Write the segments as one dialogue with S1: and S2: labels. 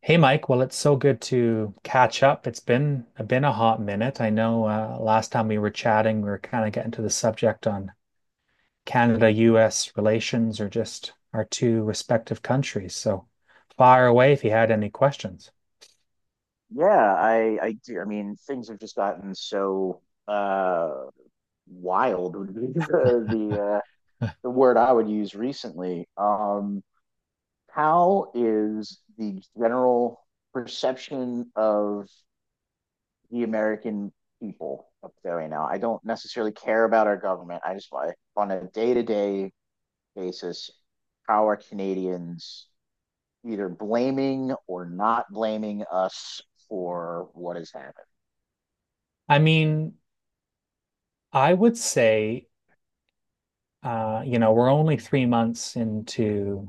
S1: Hey Mike, well it's so good to catch up. It's been a hot minute. I know last time we were chatting, we were kind of getting to the subject on Canada-US relations or just our two respective countries. So fire away if you had any questions.
S2: Yeah, I do. I mean, things have just gotten so wild would be the the word I would use recently. How is the general perception of the American people up there right now? I don't necessarily care about our government. I just want, on a day-to-day basis, how are Canadians either blaming or not blaming us for what has happened?
S1: I mean, I would say, you know, we're only 3 months into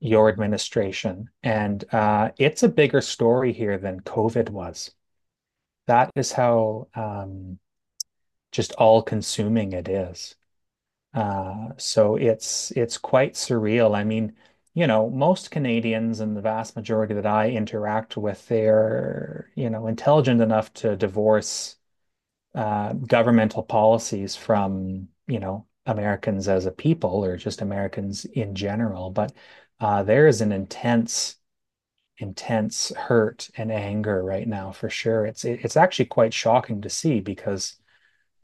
S1: your administration, and it's a bigger story here than COVID was. That is how just all-consuming it is. So it's quite surreal. I mean, you know, most Canadians and the vast majority that I interact with, they're, you know, intelligent enough to divorce governmental policies from, you know, Americans as a people or just Americans in general. But there is an intense, intense hurt and anger right now for sure. It's actually quite shocking to see because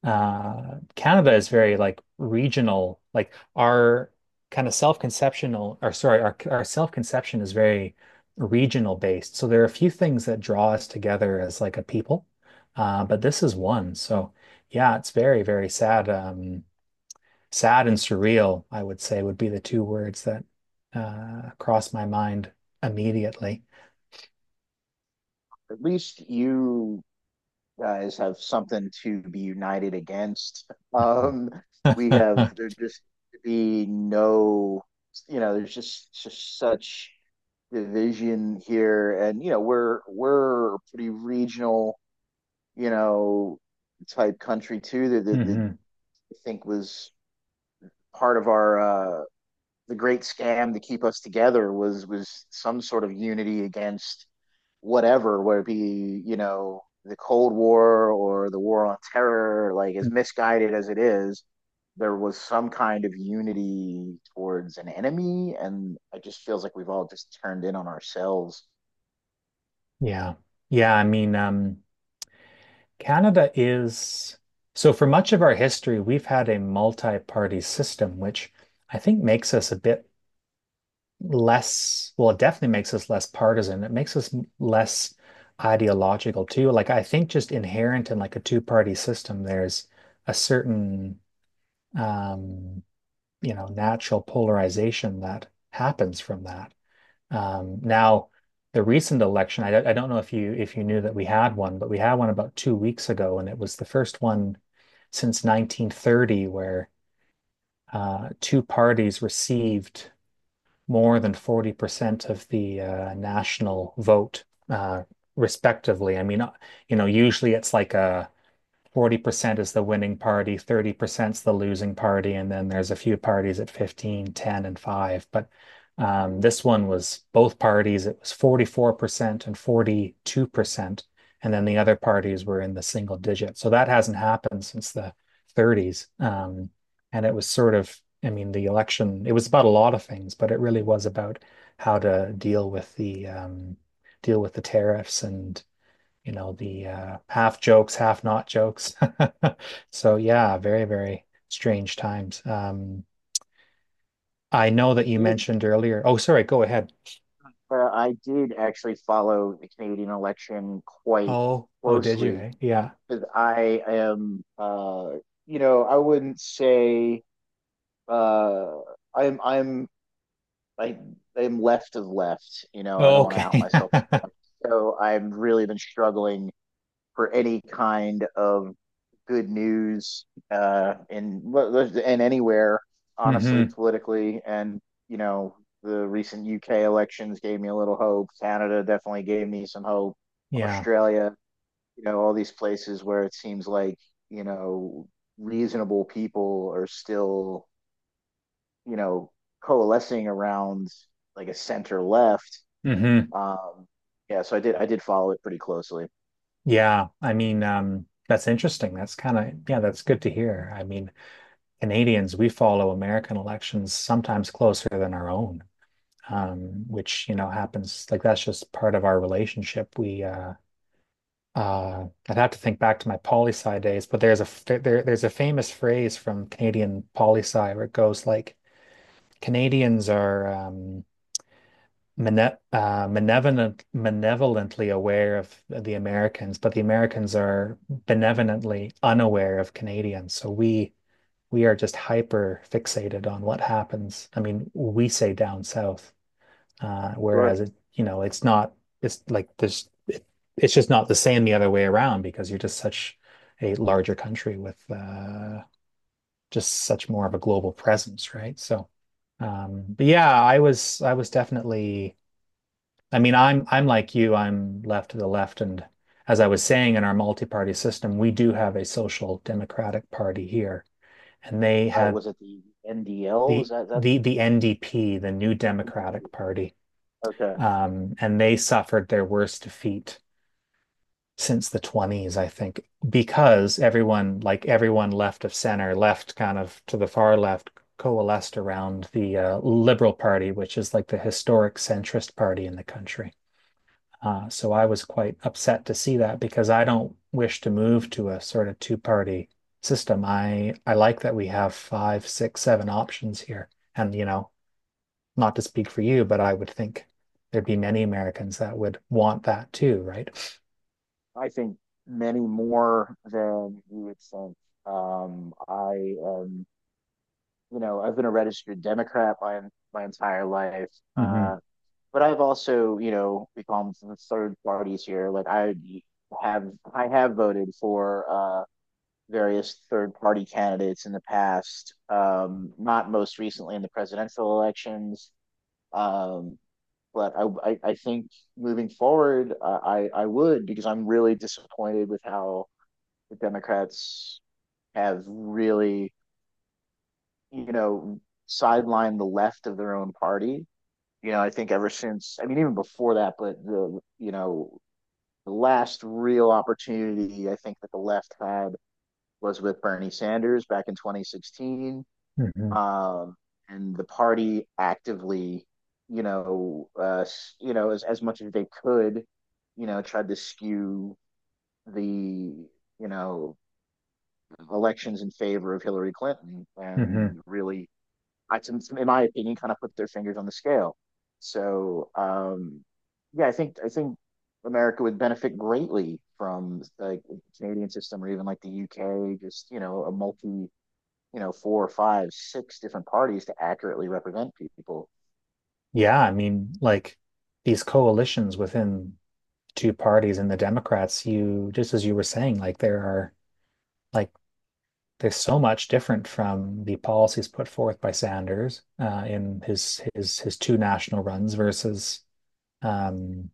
S1: Canada is very like regional, like our kind of self-conceptional, or sorry, our self-conception is very regional based. So there are a few things that draw us together as like a people, but this is one. So yeah, it's very very sad. Sad and surreal I would say would be the two words that cross my mind immediately.
S2: At least you guys have something to be united against. We have, there just be no, you know, there's just such division here, and you know we're a pretty regional, you know, type country too. That
S1: Hmm.
S2: I think was part of our the great scam to keep us together was some sort of unity against whatever, whether it be, you know, the Cold War or the War on Terror. Like as misguided as it is, there was some kind of unity towards an enemy. And it just feels like we've all just turned in on ourselves.
S1: Yeah, yeah, I mean, Canada is, so for much of our history, we've had a multi-party system, which I think makes us a bit less, well, it definitely makes us less partisan. It makes us less ideological too. Like I think just inherent in like a two-party system, there's a certain um, you know, natural polarization that happens from that. Now, the recent election, I don't know if you knew that we had one, but we had one about 2 weeks ago, and it was the first one since 1930 where two parties received more than 40% of the national vote, uh, respectively. I mean, you know, usually it's like a 40% is the winning party, 30% is the losing party, and then there's a few parties at 15, 10, and 5. But this one was both parties, it was 44% and 42%. And then the other parties were in the single digit. So that hasn't happened since the 30s. And it was sort of, I mean, the election, it was about a lot of things, but it really was about how to deal with the tariffs and you know, the half jokes, half not jokes. So yeah, very, very strange times. I know that
S2: It
S1: you
S2: did,
S1: mentioned earlier. Oh, sorry, go ahead.
S2: but I did actually follow the Canadian election quite
S1: Oh, oh, did you?
S2: closely,
S1: Hey, yeah.
S2: because I am, you know, I wouldn't say. Uh, I'm I'm I am left of left. You know, I
S1: Oh,
S2: don't want to out
S1: okay.
S2: myself. So I've really been struggling for any kind of good news, in and anywhere, honestly,
S1: Hmm.
S2: politically. And you know, the recent UK elections gave me a little hope. Canada definitely gave me some hope.
S1: Yeah.
S2: Australia, you know, all these places where it seems like, you know, reasonable people are still, you know, coalescing around like a center left.
S1: Hmm.
S2: Um, yeah, so I did follow it pretty closely.
S1: Yeah. I mean, that's interesting. That's kind of, yeah, that's good to hear. I mean, Canadians, we follow American elections sometimes closer than our own, which, you know, happens like that's just part of our relationship. I'd have to think back to my poli sci days, but there's a f- there- there's a famous phrase from Canadian poli sci where it goes like Canadians are mane benevolently aware of the Americans, but the Americans are benevolently unaware of Canadians. So we are just hyper fixated on what happens. I mean, we say down south. Uh,
S2: Sure.
S1: whereas it, you know, it's not, it's like there's, it's just not the same the other way around because you're just such a larger country with just such more of a global presence, right? So, but yeah, I was definitely, I mean, I'm like you, I'm left to the left. And as I was saying, in our multi-party system, we do have a social democratic party here, and they
S2: Right.
S1: have
S2: Was it the NDL? Was
S1: the,
S2: that that?
S1: the, the NDP, the New Democratic Party.
S2: Okay.
S1: And they suffered their worst defeat since the 20s, I think, because everyone, like everyone left of center, left kind of to the far left, coalesced around the Liberal Party, which is like the historic centrist party in the country. So I was quite upset to see that because I don't wish to move to a sort of two-party system. I like that we have five, six, seven options here, and you know, not to speak for you, but I would think there'd be many Americans that would want that too, right?
S2: I think many more than you would think. I am, you know, I've been a registered Democrat my entire life. Uh,
S1: Hmm.
S2: but I've also, you know, become from third parties here. Like have I have voted for various third party candidates in the past, not most recently in the presidential elections. Um, but I think moving forward, I would, because I'm really disappointed with how the Democrats have really, you know, sidelined the left of their own party. You know, I think ever since, I mean, even before that, but the, you know, the last real opportunity I think that the left had was with Bernie Sanders back in 2016.
S1: Hmm.
S2: um, and the party actively, you know, as much as they could, you know, tried to skew the, you know, elections in favor of Hillary Clinton.
S1: Hmm.
S2: And really, I, in my opinion, kind of put their fingers on the scale. So, yeah, I think America would benefit greatly from like the Canadian system, or even like the UK. Just you know, a multi, you know, 4 or 5, 6 different parties to accurately represent people.
S1: Yeah, I mean, like these coalitions within two parties and the Democrats, you just as you were saying, like there are like there's so much different from the policies put forth by Sanders in his two national runs versus um,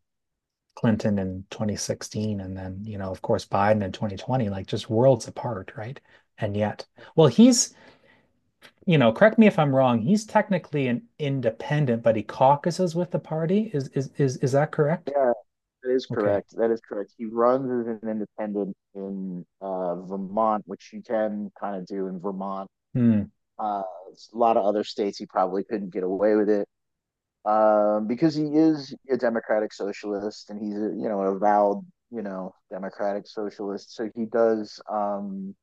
S1: Clinton in 2016 and then, you know, of course, Biden in 2020, like just worlds apart, right? And yet, well, he's, you know, correct me if I'm wrong, he's technically an independent, but he caucuses with the party. Is that correct?
S2: Yeah, that is
S1: Okay.
S2: correct. That is correct. He runs as an independent in, Vermont, which you can kind of do in Vermont.
S1: Hmm.
S2: A lot of other states he probably couldn't get away with it, because he is a democratic socialist, and he's a, you know, an avowed, you know, democratic socialist. So he does,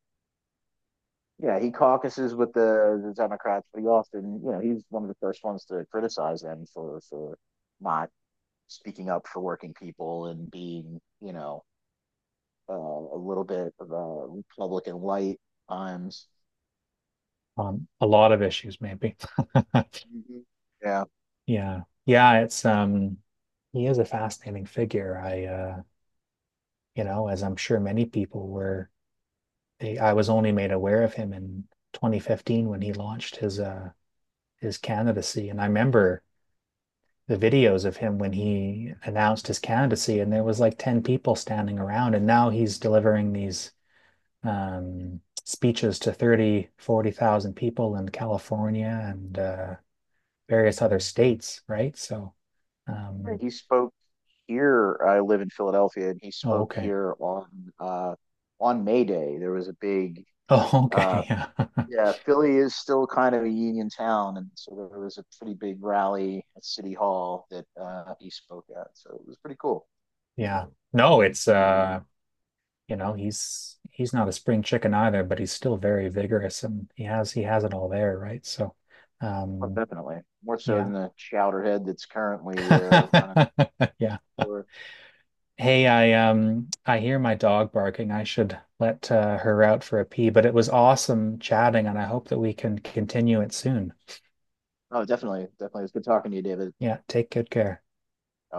S2: yeah, he caucuses with the Democrats, but he often, you know, he's one of the first ones to criticize them for not speaking up for working people and being, you know, a little bit of a Republican light times.
S1: A lot of issues, maybe.
S2: Mm-hmm. Yeah,
S1: Yeah. Yeah, it's he is a fascinating figure. I you know, as I'm sure many people were, they I was only made aware of him in 2015 when he launched his candidacy. And I remember the videos of him when he announced his candidacy, and there was like 10 people standing around. And now he's delivering these speeches to 30, 40,000 people in California and various other states, right? So, um,
S2: he spoke here. I live in Philadelphia, and he
S1: oh,
S2: spoke
S1: okay.
S2: here on, uh, on May Day. There was a big
S1: Oh,
S2: uh,
S1: okay. Yeah.
S2: yeah, Philly is still kind of a union town, and so there was a pretty big rally at City Hall that, he spoke at. So it was pretty cool.
S1: Yeah. No, it's you know, he's not a spring chicken either, but he's still very vigorous and he has it all there, right? So,
S2: Oh,
S1: um,
S2: definitely more so
S1: yeah.
S2: than the chowderhead that's currently, running.
S1: Yeah.
S2: For...
S1: Hey, I hear my dog barking. I should let her out for a pee, but it was awesome chatting, and I hope that we can continue it soon.
S2: Oh, definitely, definitely. It's good talking to you, David.
S1: Yeah, take good care.
S2: I